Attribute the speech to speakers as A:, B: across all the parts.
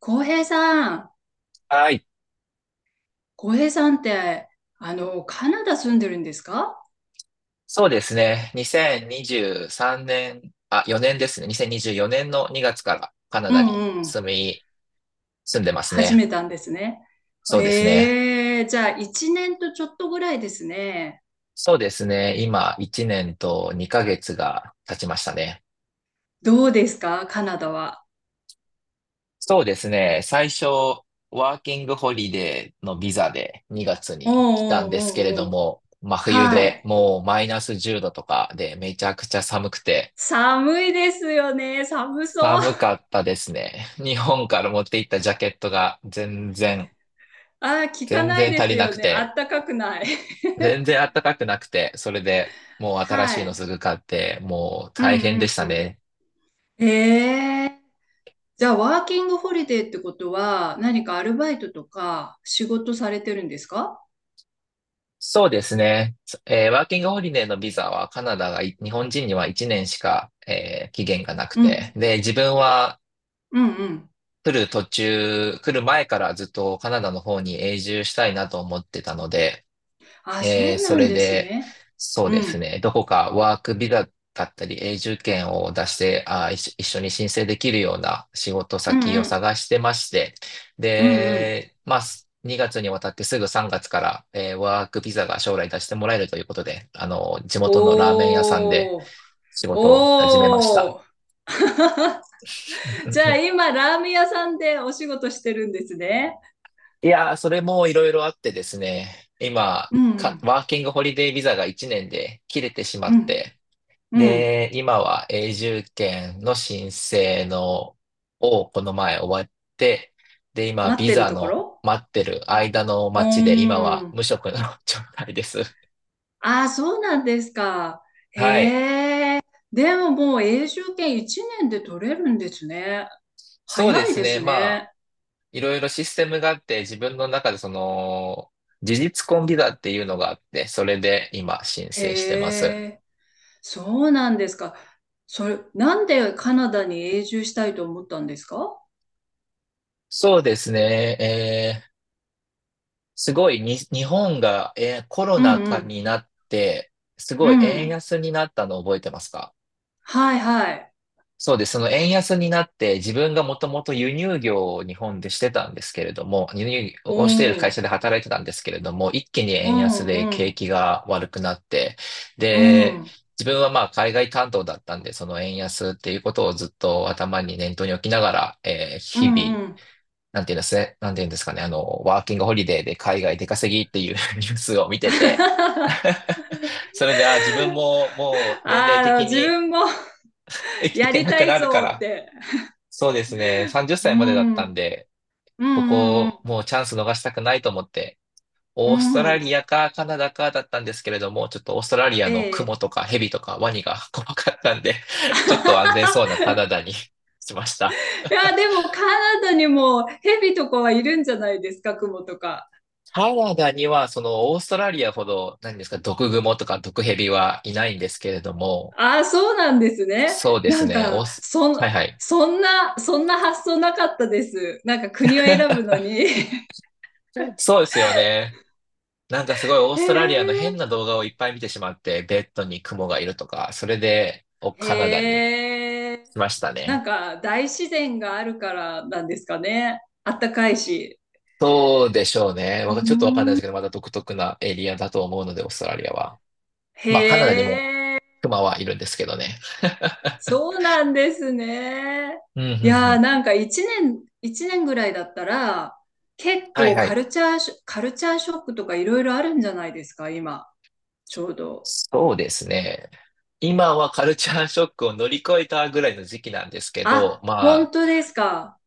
A: 浩平さん、
B: はい。
A: 浩平さんって、カナダ住んでるんですか？
B: そうですね。2023年、あ、4年ですね。2024年の2月からカナ
A: う
B: ダに
A: んうん。
B: 住んでます
A: 始
B: ね。
A: めたんですね。
B: そうですね。
A: ええ、じゃあ、一年とちょっとぐらいですね。
B: そうですね。今、1年と2ヶ月が経ちましたね。
A: どうですか、カナダは？
B: そうですね。最初、ワーキングホリデーのビザで2月
A: うんう
B: に来たん
A: ん
B: ですけれ
A: う
B: ど
A: んうん。
B: も、真冬
A: は
B: で
A: い。
B: もうマイナス10度とかでめちゃくちゃ寒くて、
A: 寒いですよね。寒そう。
B: 寒かったですね。日本から持って行ったジャケットが全然
A: ああ、聞か
B: 全
A: ない
B: 然
A: で
B: 足
A: す
B: りな
A: よ
B: く
A: ね。あっ
B: て、
A: たかくない。
B: 全然暖かくなくて、それでもう新
A: は
B: しいの
A: い。
B: すぐ買って、もう
A: う
B: 大変
A: んう
B: で
A: ん
B: し
A: う
B: た
A: ん。
B: ね。
A: ええ、じゃあ、ワーキングホリデーってことは、何かアルバイトとか仕事されてるんですか？
B: そうですね。ワーキングホリデーのビザはカナダがい日本人には1年しか、期限がなく
A: う
B: て、
A: ん。
B: で、自分は
A: うんうん。
B: 来る前からずっとカナダの方に永住したいなと思ってたので、
A: あ、そう
B: そ
A: なん
B: れ
A: です
B: で、
A: ね。
B: そう
A: う
B: です
A: ん。
B: ね、どこかワークビザだったり永住権を出して、一緒に申請できるような仕事
A: うん
B: 先を
A: うん。
B: 探してまして、
A: うんうん。
B: で、まあ、2月にわたってすぐ3月から、ワークビザが将来出してもらえるということで、地元のラーメン屋さんで
A: おー。
B: 仕事を始めました。
A: おー。
B: うんうん
A: じゃ
B: う
A: あ
B: ん。
A: 今、ラーメン屋さんでお仕事してるんですね。
B: いやー、それもいろいろあってですね、今、
A: うん
B: ワーキングホリデービザが1年で切れてしま
A: う
B: っ
A: ん。
B: て、
A: うん。うん。
B: で、今は永住権の申請のをこの前終わって、で、今
A: 待っ
B: ビ
A: てる
B: ザ
A: とこ
B: の
A: ろ。
B: 待ってる間の
A: う
B: 待ちで今
A: ー
B: は
A: ん。
B: 無職の 状態です。
A: ああ、そうなんですか。
B: はい。
A: へえ。でももう永住権1年で取れるんですね。
B: そうで
A: 早い
B: す
A: で
B: ね。
A: す
B: まあ、
A: ね。
B: いろいろシステムがあって自分の中でその事実婚ビザっていうのがあって、それで今申請してます。
A: へえ。そうなんですか。それ、なんでカナダに永住したいと思ったんですか？
B: そうですね。すごいに、日本が、コロ
A: う
B: ナ禍
A: ん
B: になって、す
A: う
B: ごい
A: ん。う
B: 円
A: ん。
B: 安になったの覚えてますか？
A: はいはい。
B: そうです。その円安になって、自分がもともと輸入業を日本でしてたんですけれども、輸入をしている会
A: お
B: 社
A: ー。
B: で働いてたんですけれども、一気に
A: う
B: 円安
A: ん
B: で
A: う
B: 景
A: ん。
B: 気が悪くなって、
A: う
B: で、
A: ん。
B: 自分はまあ海外担当だったんで、その円安っていうことをずっと念頭に置きながら、
A: う
B: 日
A: ん
B: 々、
A: うん。
B: なんていうんですかね、ワーキングホリデーで海外出稼ぎっていう ニュースを見てて、それで、あ、自分ももう年齢
A: ああ、
B: 的
A: 自
B: に
A: 分も。
B: い
A: や
B: け
A: り
B: な
A: た
B: く
A: い
B: なるか
A: ぞっ
B: ら、
A: て。
B: そうですね。30
A: う
B: 歳までだっ
A: ん。う
B: たん
A: ん
B: で、
A: う
B: こ
A: んう
B: こ
A: ん。
B: もうチャンス逃したくないと思って、
A: う
B: オーストラ
A: ん。
B: リアかカナダかだったんですけれども、ちょっとオーストラリア
A: え
B: のクモ
A: え。
B: とかヘビとかワニが 怖かったんで、ちょっと安全そうな カナダに しました。
A: いや、でもカナダにもヘビとかはいるんじゃないですか、クモとか。
B: カナダにはそのオーストラリアほど、何ですか、毒グモとか毒ヘビはいないんですけれども、
A: ああ、そうなんですね。
B: そうで
A: な
B: す
A: ん
B: ね。オー
A: か、
B: ス、はいはい。
A: そんな発想なかったです。なんか国を選ぶのに。
B: そうですよね。なんかすごいオー
A: へ
B: ストラリアの変
A: え、
B: な動画をいっぱい見てしまって、ベッドに雲がいるとか、それでカナダに
A: へえ。
B: 来ました
A: な
B: ね。
A: んか大自然があるからなんですかね。あったかいし。
B: そうでしょうね。
A: うー
B: ちょっとわかんないです
A: ん。
B: けど、まだ独特なエリアだと思うので、オーストラリアは。まあ、カナダ
A: へ
B: にも
A: え、
B: クマはいるんですけどね。
A: そうなんですね。
B: うん、う
A: い
B: ん、う
A: やー、
B: ん。
A: なんか一年ぐらいだったら、結
B: はい
A: 構
B: はい。
A: カルチャーショックとかいろいろあるんじゃないですか、今、ちょうど。
B: そうですね。今はカルチャーショックを乗り越えたぐらいの時期なんですけど、
A: あ、本
B: ま
A: 当ですか。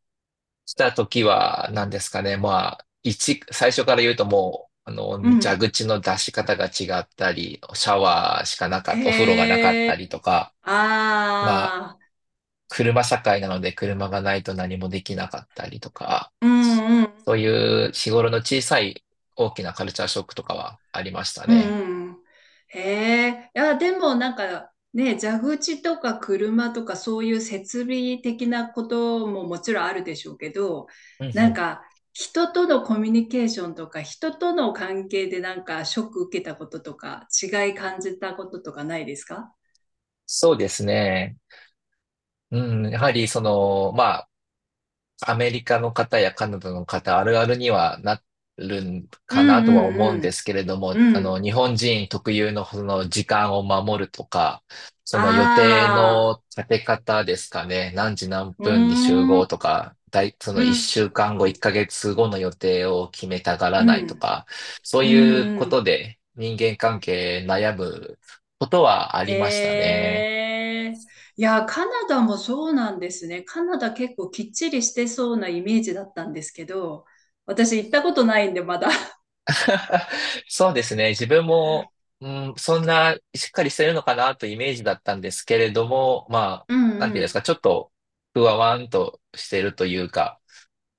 B: した時は、何ですかね。まあ、最初から言うともう、
A: う
B: 蛇
A: ん。
B: 口の出し方が違ったり、シャワーしかなかった、お風呂がなかっ
A: へ
B: た
A: え。
B: りとか、まあ、
A: ああ。
B: 車社会なので車がないと何もできなかったりとか、
A: うんうん。
B: そういう日頃の小さい大きなカルチャーショックとかはありました
A: う
B: ね。
A: んうん。へえ。いや、でもなんかね、蛇口とか車とかそういう設備的なことももちろんあるでしょうけど、
B: うんう
A: なん
B: ん。
A: か人とのコミュニケーションとか人との関係でなんかショック受けたこととか違い感じたこととかないですか？
B: そうですね。うん、やはりその、まアメリカの方やカナダの方あるあるにはなるん
A: う
B: かなと
A: ん
B: は思うん
A: う
B: で
A: ん
B: すけれども、
A: うん。うん。
B: 日本人特有のその時間を守るとか、その予定
A: ああ。
B: の立て方ですかね、何時何
A: うー
B: 分に集
A: ん。
B: 合とか、そ
A: う
B: の一
A: ん、
B: 週間後、1ヶ月後の予定を決めたがら
A: う
B: ないと
A: ん、
B: か、そう
A: うん、
B: いうこ
A: う
B: と
A: ん。
B: で人間関係悩むことはありました
A: へ
B: ね。
A: え。いや、カナダもそうなんですね。カナダ結構きっちりしてそうなイメージだったんですけど、私行ったことないんで、まだ。
B: そうですね。自分も、うん、そんなしっかりしてるのかなというイメージだったんですけれども、まあ、
A: うん
B: なん
A: う
B: ていうんです
A: ん。
B: か、ちょっとふわわんとしてるというか、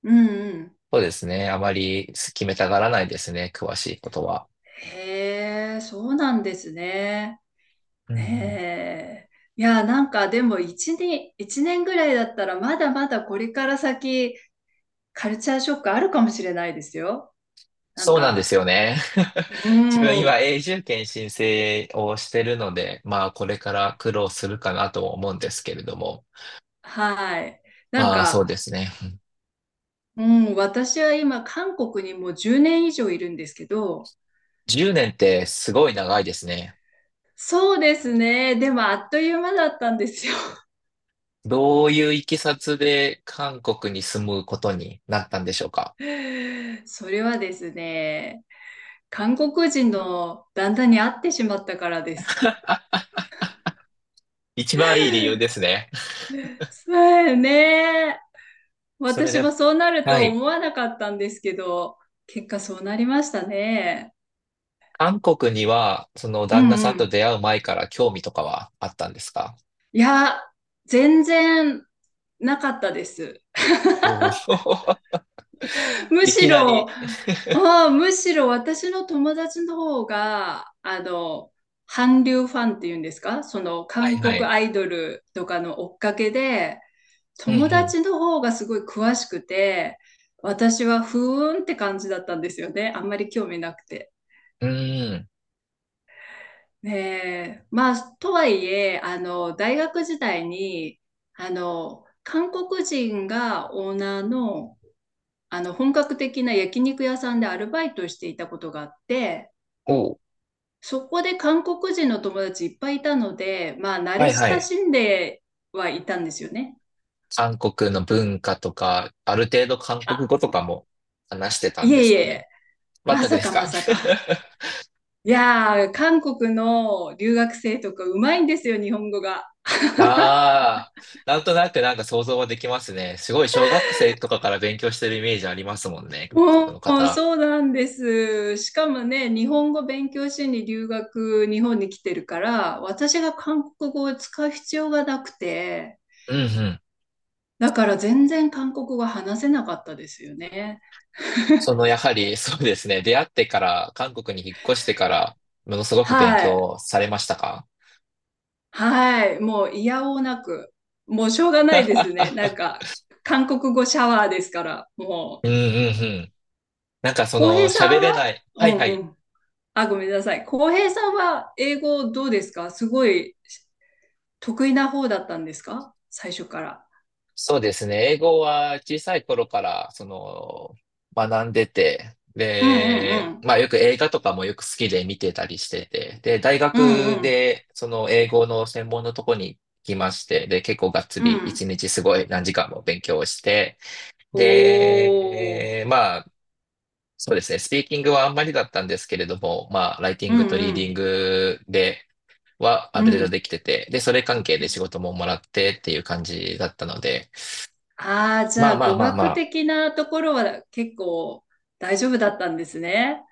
A: うんうん。
B: そうですね。あまり決めたがらないですね。詳しいことは。
A: へえ、そうなんですね。
B: うんう
A: へ
B: ん。
A: え。いや、なんかでも一年ぐらいだったらまだまだこれから先カルチャーショックあるかもしれないですよ。なん
B: そうなんで
A: か、
B: すよね。
A: う
B: 自分今
A: ん、
B: 永住権申請をしてるので、まあこれから苦労するかなと思うんですけれども。
A: はい。なん
B: まあそうで
A: か、
B: すね。
A: うん、私は今、韓国にもう10年以上いるんですけど、
B: 10年ってすごい長いですね。
A: そうですね。でも、あっという間だったんですよ。
B: どういういきさつで韓国に住むことになったんでしょうか？
A: それはですね、韓国人の旦那に会ってしまったからです。
B: 一番いい理由ですね。
A: そうね。
B: それ
A: 私
B: で、
A: もそうなる
B: は
A: と
B: い。
A: 思わなかったんですけど、結果そうなりましたね。
B: 韓国には、その
A: う
B: 旦那
A: んう
B: さんと
A: ん。
B: 出会う前から興味とかはあったんですか？
A: いや、全然なかったです。
B: おー。
A: む
B: い
A: し
B: きなり。
A: ろ、あむしろ私の友達の方が、韓流ファンっていうんですか、その
B: はい
A: 韓
B: は
A: 国
B: い。
A: アイドルとかの追っかけで、
B: う
A: 友
B: ん
A: 達の方がすごい詳しくて、私はふーんって感じだったんですよね。あんまり興味なくて。
B: うん。うん。
A: ねえ、まあ、とはいえ、大学時代に、韓国人がオーナーのあの本格的な焼肉屋さんでアルバイトしていたことがあって、
B: おー。
A: そこで韓国人の友達いっぱいいたので、まあ慣
B: は
A: れ
B: いは
A: 親
B: い。
A: しんではいたんですよね。
B: 韓国の文化とか、ある程度韓国語
A: あ、
B: とかも話してたん
A: い
B: で
A: え
B: す
A: い
B: かね？
A: え、
B: 全
A: ま
B: く
A: さ
B: です
A: かま
B: か？
A: さか。いやー、韓国の留学生とかうまいんですよ、日本語が。
B: ああ、なんとなくなんか想像はできますね。すごい小学生とかから勉強してるイメージありますもんね、韓国の
A: おお、
B: 方。
A: そうなんです。しかもね、日本語勉強しに留学、日本に来てるから、私が韓国語を使う必要がなくて、
B: うんうん。
A: だから全然韓国語話せなかったですよね。
B: そのやはり そうですね、出会ってから、韓国に引っ越してから、ものすごく勉
A: はい。
B: 強されましたか？
A: はい。もう嫌おうなく。もうしょうがないですね。なん か、韓国語シャワーですから、も
B: う
A: う。
B: んうんうん。なんかそ
A: 浩平
B: の
A: さ
B: 喋
A: んは。
B: れない。
A: う
B: はい
A: ん
B: は
A: う
B: い。
A: ん。あ、ごめんなさい。浩平さんは英語どうですか？すごい得意な方だったんですか、最初から。
B: そうですね。英語は小さい頃から、学んでて、
A: うんうんう
B: で、
A: ん。
B: まあよく映画とかもよく好きで見てたりしてて、で、大
A: うん
B: 学
A: うん。
B: でその英語の専門のとこに来まして、で、結構がっつ
A: う
B: り
A: ん。
B: 1日すごい何時間も勉強をして、
A: おー。
B: で、まあ、そうですね。スピーキングはあんまりだったんですけれども、まあ、ライティ
A: う
B: ン
A: ん
B: グとリ
A: う
B: ーディン
A: ん。
B: グではあ
A: う
B: る程度
A: ん。
B: できてて、で、それ関係で仕事ももらってっていう感じだったので、
A: ああ、じ
B: ま
A: ゃ
B: あ
A: あ
B: まあ
A: 語
B: まあ
A: 学
B: ま
A: 的なところは結構大丈夫だったんですね。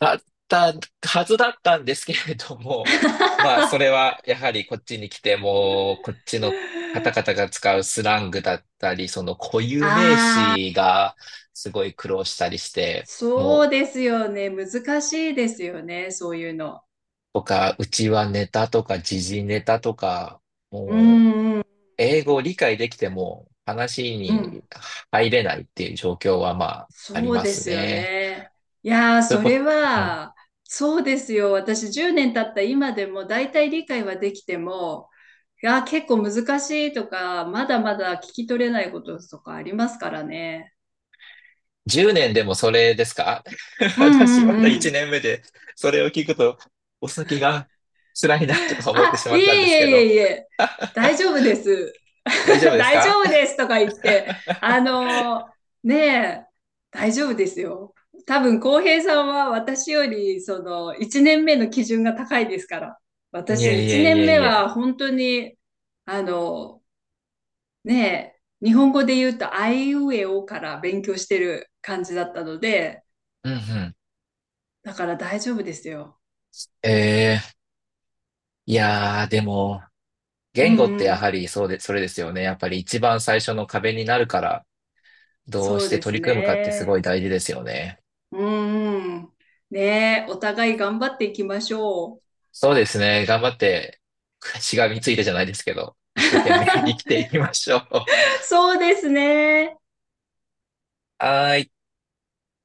B: だったはずだったんですけれども、まあ、それはやはりこっちに来ても、こっちの方々 が使うスラングだったり、その固有名
A: あ
B: 詞
A: あ、
B: がすごい苦労したりして、
A: そ
B: も
A: う
B: う、
A: ですよね。難しいですよね。そういうの。
B: とかうちはネタとか時事ネタとか、
A: う
B: もう、
A: んうん
B: 英語を理解できても話
A: うん。
B: に入れないっていう状況はまあ、あり
A: そう
B: ま
A: で
B: す
A: すよ
B: ね。
A: ね。いやー、
B: そういう
A: そ
B: こ
A: れ
B: と、うん。
A: は、そうですよ。私10年経った今でも大体理解はできても、いやー、結構難しいとか、まだまだ聞き取れないこととかありますからね。
B: 10年でもそれですか？
A: うん
B: 私
A: う
B: まだ
A: んう
B: 1
A: ん。
B: 年目で、それを聞くと、お先が辛いなとか 思って
A: あ、
B: しま
A: いえ
B: ったんで
A: い
B: すけ
A: え
B: ど。
A: いえいえ、大丈夫です。
B: 大丈夫 です
A: 大丈
B: か？
A: 夫ですとか言っ て、あのねえ、大丈夫ですよ。多分、浩平さんは私より、1年目の基準が高いですから。
B: い
A: 私、
B: えい
A: 1
B: えい
A: 年
B: え
A: 目
B: いえ。
A: は本当に、あのねえ、日本語で言うと、あいうえおから勉強してる感じだったので、
B: うんうん。
A: だから大丈夫ですよ。
B: えー、いやー、でも、
A: う
B: 言
A: ん
B: 語って
A: う
B: や
A: ん、
B: はりそうで、それですよね。やっぱり一番最初の壁になるから、どう
A: そ
B: し
A: う
B: て
A: で
B: 取
A: す
B: り組むかってすごい
A: ね。
B: 大事ですよね。
A: うーん。ねえ、お互い頑張っていきましょう。
B: そうですね。頑張って、しがみついてじゃないですけど、一生懸命生きて いきましょう。は
A: そうですね。
B: ーい。